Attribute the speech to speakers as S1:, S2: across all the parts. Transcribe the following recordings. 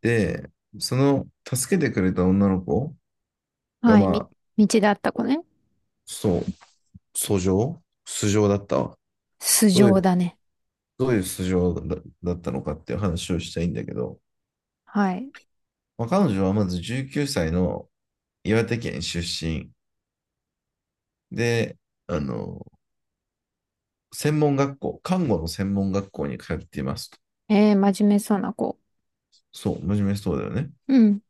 S1: で、その助けてくれた女の子が、
S2: はい、道だった子ね。
S1: そう、訴状素性だったわ。
S2: 素
S1: どうい
S2: 性
S1: う、
S2: だね。
S1: どういう素性だ、だったのかっていう話をしたいんだけど、
S2: はい。
S1: まあ、彼女はまず19歳の岩手県出身で、あの、専門学校、看護の専門学校に通っていますと。
S2: 真面目そうな子。
S1: そう、真面目そうだよね。
S2: うん、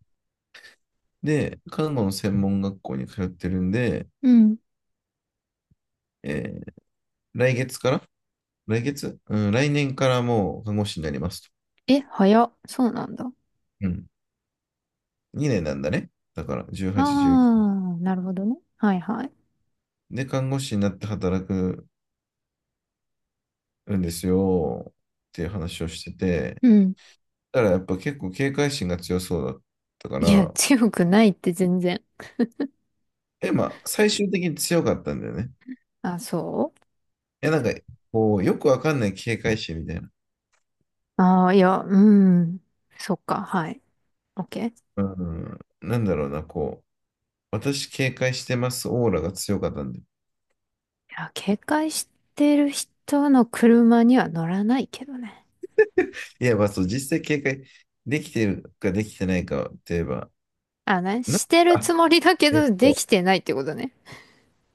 S1: で、看護の専門学校に通ってるんで、
S2: うん。
S1: えー来月から来月うん、来年からもう看護師になりますと。
S2: え、早っ。そうなんだ。
S1: うん、2年なんだね。だから、18、19。
S2: あー、なるほどね。はいはい。
S1: で、看護師になって働くんですよっていう話をしてて、
S2: うん。
S1: だからやっぱ結構警戒心が強そうだったか
S2: いや、
S1: ら、
S2: 強くないって全然。
S1: え、まあ、最終的に強かったんだよね。
S2: あ、そ
S1: え、なんか、こう、よくわかんない警戒心みたいな。
S2: ういや、うん。そっか、はい。オッケー。い
S1: うん、なんだろうな、こう、私警戒してますオーラが強かったんで。
S2: や、警戒してる人の車には乗らないけどね。
S1: いや、まあそう、実際警戒できてるかできてないかって言えば、
S2: あ、ね、
S1: な
S2: してる
S1: あ、
S2: つもりだけ
S1: えっ
S2: ど、で
S1: と、
S2: きてないってことね。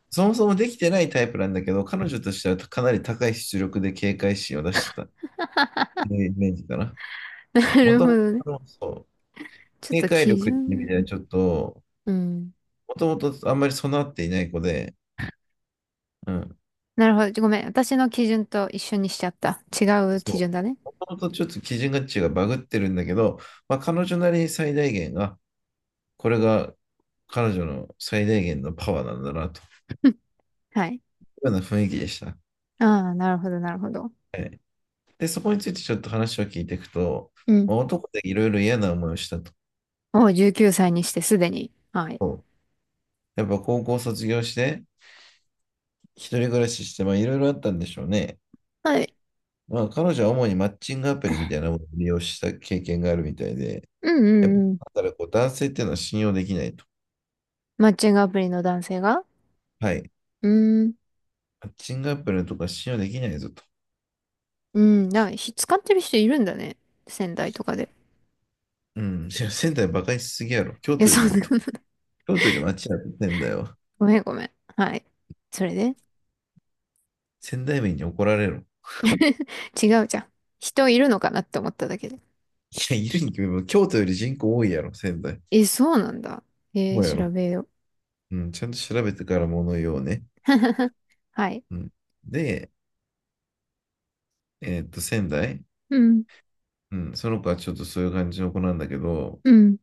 S1: そもそもできてないタイプなんだけど、彼女としてはかなり高い出力で警戒心を出してたっていうイメージかな。
S2: な
S1: も
S2: る
S1: と
S2: ほ
S1: も
S2: どね。
S1: と、そう、
S2: ちょっ
S1: 警
S2: と
S1: 戒
S2: 基
S1: 力っていう意味
S2: 準。
S1: ではちょっと、
S2: うん。
S1: もともとあんまり備わっていない子で、うん、
S2: なるほど。ごめん。私の基準と一緒にしちゃった。違う
S1: そ
S2: 基
S1: う。
S2: 準だね。
S1: もともとちょっと基準価値がバグってるんだけど、まあ、彼女なりに最大限が、これが彼女の最大限のパワーなんだなとい
S2: はい。
S1: うような雰囲気でした。
S2: ああ、なるほど、なるほど。
S1: はい。で、そこについてちょっと話を聞いていくと、
S2: う
S1: ま
S2: ん。
S1: あ男でいろいろ嫌な思いをしたと。
S2: おう、19歳にしてすでに。はい。
S1: やっぱ高校卒業して、一人暮らしして、まあいろいろあったんでしょうね。
S2: はい。
S1: まあ彼女は主にマッチングアプリみたいなものを利用した経験があるみたいで、
S2: うんう
S1: やっぱ、
S2: んうん。
S1: だからこう男性っていうのは信用できないと。
S2: マッチングアプリの男性が？
S1: はい。
S2: うーん。
S1: マッチングアプリのとか信用できないぞと。
S2: うん。だから使ってる人いるんだね。仙台とかで。
S1: うん。いや仙台バカにしすぎやろ。京
S2: え、
S1: 都よ
S2: そ
S1: り
S2: う
S1: い
S2: だ。
S1: いと。京都より街やってんだよ。
S2: ごめんごめん。はい。それで
S1: 仙台民に怒られろ。い
S2: 違うじゃん。人いるのかなって思っただけで。
S1: や、いるに決めば、京都より人口多いやろ、仙台。
S2: え、そうなんだ。
S1: そうや
S2: 調
S1: ろ。
S2: べよう。
S1: うん。ちゃんと調べてから物言おうね。
S2: はい。
S1: うん。で、えーっと、仙台。
S2: うん。
S1: うん、その子はちょっとそういう感じの子なんだけど、
S2: うん。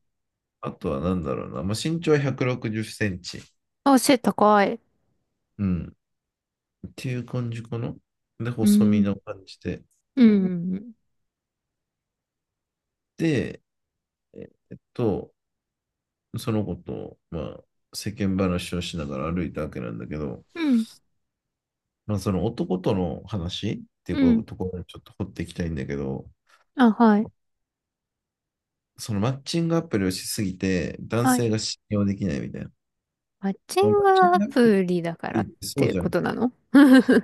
S1: あとはなんだろうな、まあ、身長は160センチ、
S2: あ、背高い。
S1: うん、っていう感じかな。で、
S2: う
S1: 細身
S2: ん。
S1: の感じで。
S2: うん。
S1: で、えっと、その子と、まあ、世間話をしながら歩いたわけなんだけど、
S2: うん。
S1: まあ、その男との話ってい
S2: う
S1: うこ
S2: ん。
S1: ところにちょっと掘っていきたいんだけど、
S2: あ、はい。
S1: そのマッチングアプリをしすぎて、男
S2: はい。
S1: 性が信用できないみたいな。
S2: マッチ
S1: まあ
S2: ン
S1: マッ
S2: グ
S1: チン
S2: ア
S1: グアプリ
S2: プリだから
S1: っ
S2: っ
S1: てそう
S2: て
S1: じゃ
S2: こ
S1: ん。
S2: となの？
S1: そ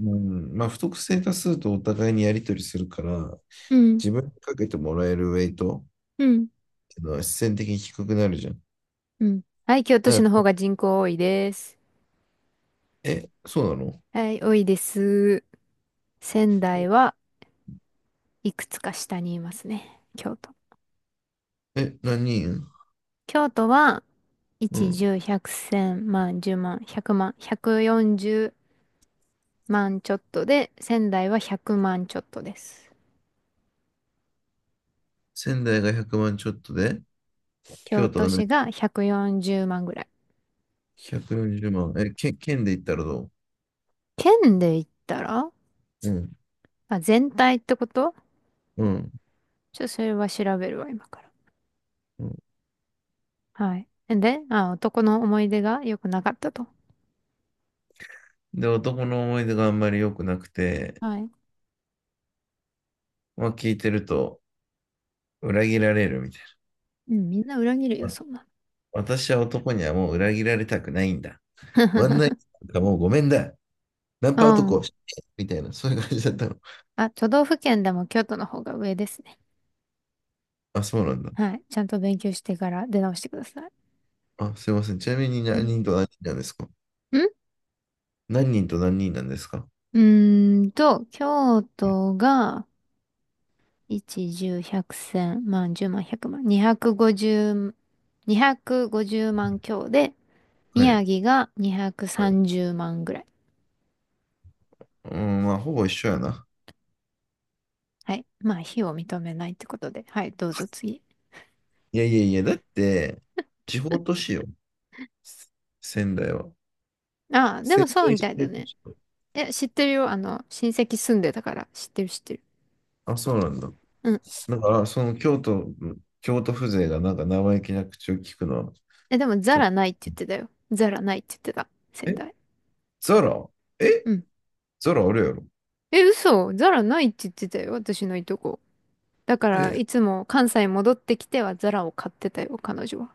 S1: うん、まあ、不特定多数とお互いにやり取りするから、
S2: うん。
S1: 自分にかけてもらえるウェイトっ
S2: うん。
S1: ていうのは必然的に低くなるじゃん。
S2: うん。はい。京都市
S1: だか
S2: の方が
S1: ら
S2: 人口多いです。
S1: え、そうなの？
S2: はい。多いです。仙台はいくつか下にいますね。京都。
S1: え、何人？
S2: 京都は、
S1: う
S2: 1、
S1: ん。
S2: 10、100、1000、万、10万、100万、140万ちょっとで、仙台は100万ちょっとです。
S1: 仙台が100万ちょっとで、
S2: 京
S1: 京都
S2: 都
S1: が何？
S2: 市が140万ぐらい。
S1: 140万。え、県、県で言ったらどう？
S2: 県で言ったら
S1: うん、
S2: あ、全体ってこと？
S1: うん、
S2: ちょっとそれは調べるわ、今から。
S1: うん。
S2: はい。で、あ、男の思い出が良くなかったと。
S1: で、男の思い出があんまり良くなくて、
S2: はい。
S1: まあ、聞いてると裏切られるみたい
S2: うん、みんな裏切るよ、
S1: な。わ、
S2: そんな
S1: 私は男にはもう裏切られたくないんだ。
S2: の。
S1: ワンナイト なんかもうごめんだ。ナン
S2: う
S1: パ男を
S2: ん。
S1: してみたいな、そういう感じだったの。
S2: あ、都道府県でも京都の方が上ですね。
S1: あ、そうなんだ。
S2: はい。ちゃんと勉強してから出直してください。
S1: あ、すいません。ちなみに
S2: う
S1: 何
S2: ん。
S1: 人と何人なんですか？
S2: ん
S1: 何人と何人なんですか
S2: う京都が、一、十、百、千、万、十万、百万、二百五十、二百五十万強で、
S1: はい。
S2: 宮城が
S1: はい。う
S2: 230万ぐらい。
S1: ーん、まあ、ほぼ一緒やな。
S2: はい。まあ、非を認めないってことで。はい、どうぞ次。
S1: いやいやいや、だって、地方都市よ。仙台は。
S2: ああ、で
S1: 仙
S2: もそう
S1: 台
S2: み
S1: 市
S2: たい
S1: で
S2: だ
S1: 都
S2: ね。
S1: 市、
S2: え、知ってるよ。あの、親戚住んでたから。知ってる知ってる。
S1: あ、そうなんだ。
S2: うん。
S1: なんか、京都風情がなんか生意気な口を聞くのは、
S2: え、でも
S1: ち
S2: ザ
S1: ょっと、
S2: ラないって言ってたよ。ザラないって言ってた。仙
S1: え、
S2: 台。
S1: ザラえ、
S2: うん。
S1: ザラあるやろ？
S2: え、嘘。ザラないって言ってたよ。私のいとこ。だから、
S1: え、
S2: いつも関西戻ってきてはザラを買ってたよ、彼女は。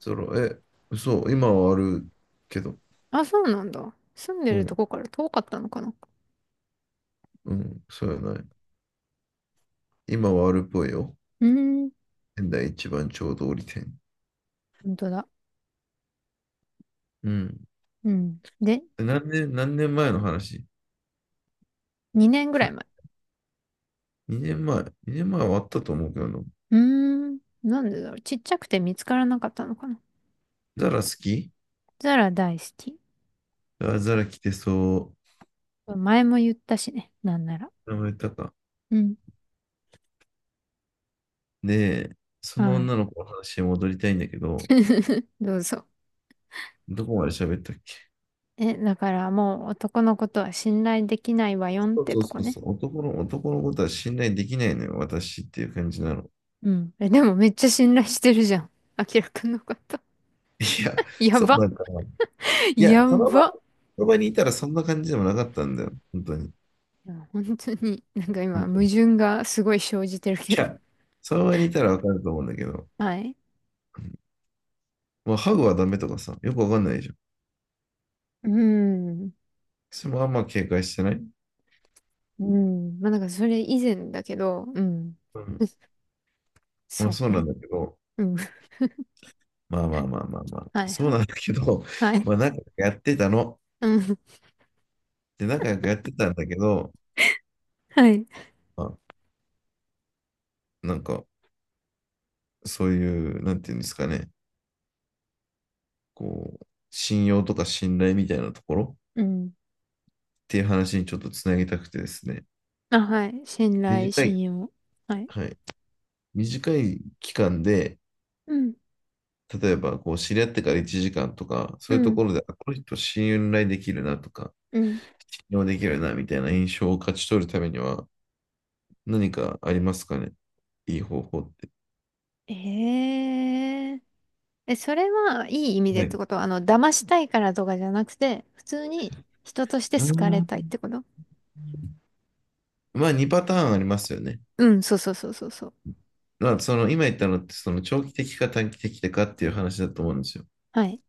S1: え、嘘、今はあるけど。
S2: あ、そうなんだ。住んで
S1: う
S2: ると
S1: ん。
S2: こから遠かったのかな。
S1: うん、そうやな。今はあるっぽいよ。
S2: うーん。
S1: 仙台一番ちょうど折り点。
S2: 本当だ。
S1: うん。
S2: うん。で、
S1: で何年、何年前の話？
S2: 2年ぐら
S1: ふ？
S2: い前。
S1: 2 年前。2年前はあったと思うけどな。
S2: うーん。なんでだろう。ちっちゃくて見つからなかったのかな。
S1: ザラ好き？
S2: ザラ大好き。
S1: あ、ザラ来てそ
S2: 前も言ったしね。なんなら。
S1: う。名前言ったか。
S2: うん。
S1: で、その
S2: はい。
S1: 女の子の話に戻りたいんだけど、
S2: どうぞ。
S1: どこまで喋ったっけ？
S2: え、だからもう男のことは信頼できないわよんっ
S1: そう
S2: て
S1: そう
S2: と
S1: そ
S2: こ
S1: う
S2: ね。
S1: そう。男の、男のことは信頼できないのよ、私っていう感じなの。
S2: うん。え、でもめっちゃ信頼してるじゃん。明らかくんのこと。
S1: いや、
S2: や
S1: そう
S2: ば。
S1: なんかな。いや、
S2: やば。
S1: その場にいたらそんな感じでもなかったんだよ。本当に。
S2: いや本当に、なんか今、
S1: 本当
S2: 矛
S1: に、
S2: 盾がすごい生じてるけ
S1: い
S2: ど。
S1: や、その場にいたらわかると思うんだけど、
S2: はい。
S1: まあ、ハグはダメとかさ、よくわかんないじゃん。
S2: うん。
S1: それもあんま警戒してない、う
S2: うん。まあなんかそれ以前だけど、うん。
S1: ん、ま
S2: そ
S1: あ
S2: う
S1: そうなん
S2: ね。
S1: だけど、
S2: うん。
S1: まあまあまあまあまあ、
S2: はい
S1: そう
S2: は
S1: な
S2: い。
S1: んだけど、
S2: は い。
S1: まあ仲良くやってたの。
S2: うん。
S1: で、仲良くやってたんだけど、
S2: はい。
S1: まあ、なんか、そういう、なんていうんですかね、こう、信用とか信頼みたいなところ
S2: うん。
S1: っていう話にちょっとつなげたくてですね、
S2: あ、はい。信頼、
S1: 短
S2: 信
S1: い、
S2: 用。はい。
S1: はい、短い期間で、
S2: うん。
S1: 例えば、こう、知り合ってから1時間とか、
S2: う
S1: そういうと
S2: ん。
S1: ころで、あ、この人信頼できるなとか、
S2: うん。
S1: 信用できるなみたいな印象を勝ち取るためには、何かありますかね、いい方法って。
S2: えええ、それはいい意味で
S1: は
S2: って
S1: い。
S2: ことはあの、騙したいからとかじゃなくて、普通に人として
S1: う
S2: 好かれ
S1: ん。
S2: たいってこと？
S1: まあ、2パターンありますよね。
S2: うん、そうそうそうそうそう。
S1: まあ、その、今言ったのって、その、長期的か短期的かっていう話だと思うんですよ。
S2: はい。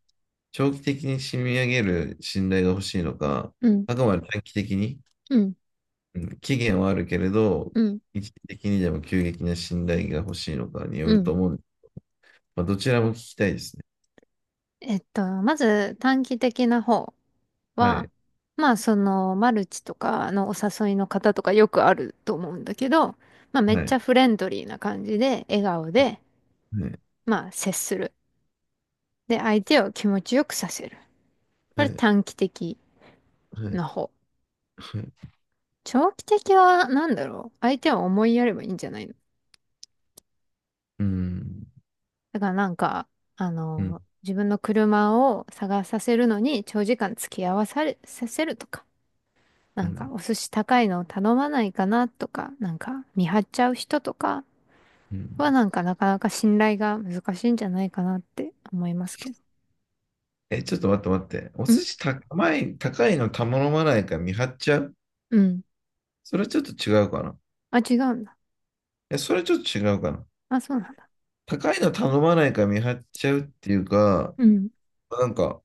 S1: 長期的に染み上げる信頼が欲しいのか、
S2: うん。
S1: あくまで短期的に、
S2: うん。
S1: うん、期限はあるけれど、
S2: うん。
S1: 一時的にでも急激な信頼が欲しいのかによ
S2: う
S1: ると
S2: ん。
S1: 思うんです。まあ、どちらも聞きたいですね。
S2: まず短期的な方。
S1: は
S2: は、
S1: い。
S2: まあそのマルチとかのお誘いの方とかよくあると思うんだけど、まあめっ
S1: は
S2: ち
S1: い。
S2: ゃフレンドリーな感じで、笑顔で、
S1: はい。
S2: まあ接する。で、相手を気持ちよくさせる。こ
S1: は
S2: れ
S1: い。
S2: 短期的
S1: はい。
S2: な方。
S1: はい。
S2: 長期的は何だろう。相手を思いやればいいんじゃないの？
S1: うん。
S2: だからなんか、あ
S1: うん。
S2: の、自分の車を探させるのに長時間付き合わされ、させるとか、
S1: う
S2: なんか
S1: ん。
S2: お寿司高いのを頼まないかなとか、なんか見張っちゃう人とか、
S1: う
S2: は
S1: ん。
S2: なんかなかなか信頼が難しいんじゃないかなって思いますけど。
S1: え、ちょっと待って待って。お寿
S2: ん
S1: 司高い、高いの頼まないから見張っちゃう？
S2: うん。
S1: それはちょっと違うかな。
S2: あ、違うんだ。
S1: え、それちょっと違うかな。
S2: あ、そうなんだ。
S1: 高いの頼まないから見張っちゃうっていうか、
S2: うん。
S1: なんか、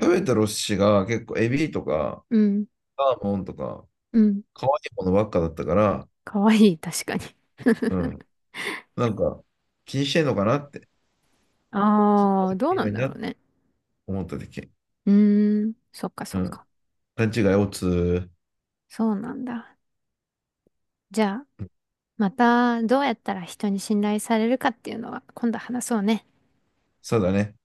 S1: 食べたお寿司が結構エビとか、
S2: うん。
S1: サーモンとか、
S2: うん。
S1: 可愛いものばっかだったから、
S2: かわいい、確かに。
S1: うん。なんか、気にしてんのかなって、気に
S2: ああ、
S1: し
S2: どう
S1: て
S2: なん
S1: る
S2: だ
S1: な
S2: ろ
S1: っ
S2: う
S1: て
S2: ね。
S1: 思っただけ。
S2: うーん。そっか
S1: う
S2: そっ
S1: ん。
S2: か。
S1: 勘違いをつ、
S2: そうなんだ。じゃあ、またどうやったら人に信頼されるかっていうのは今度話そうね。
S1: そうだね。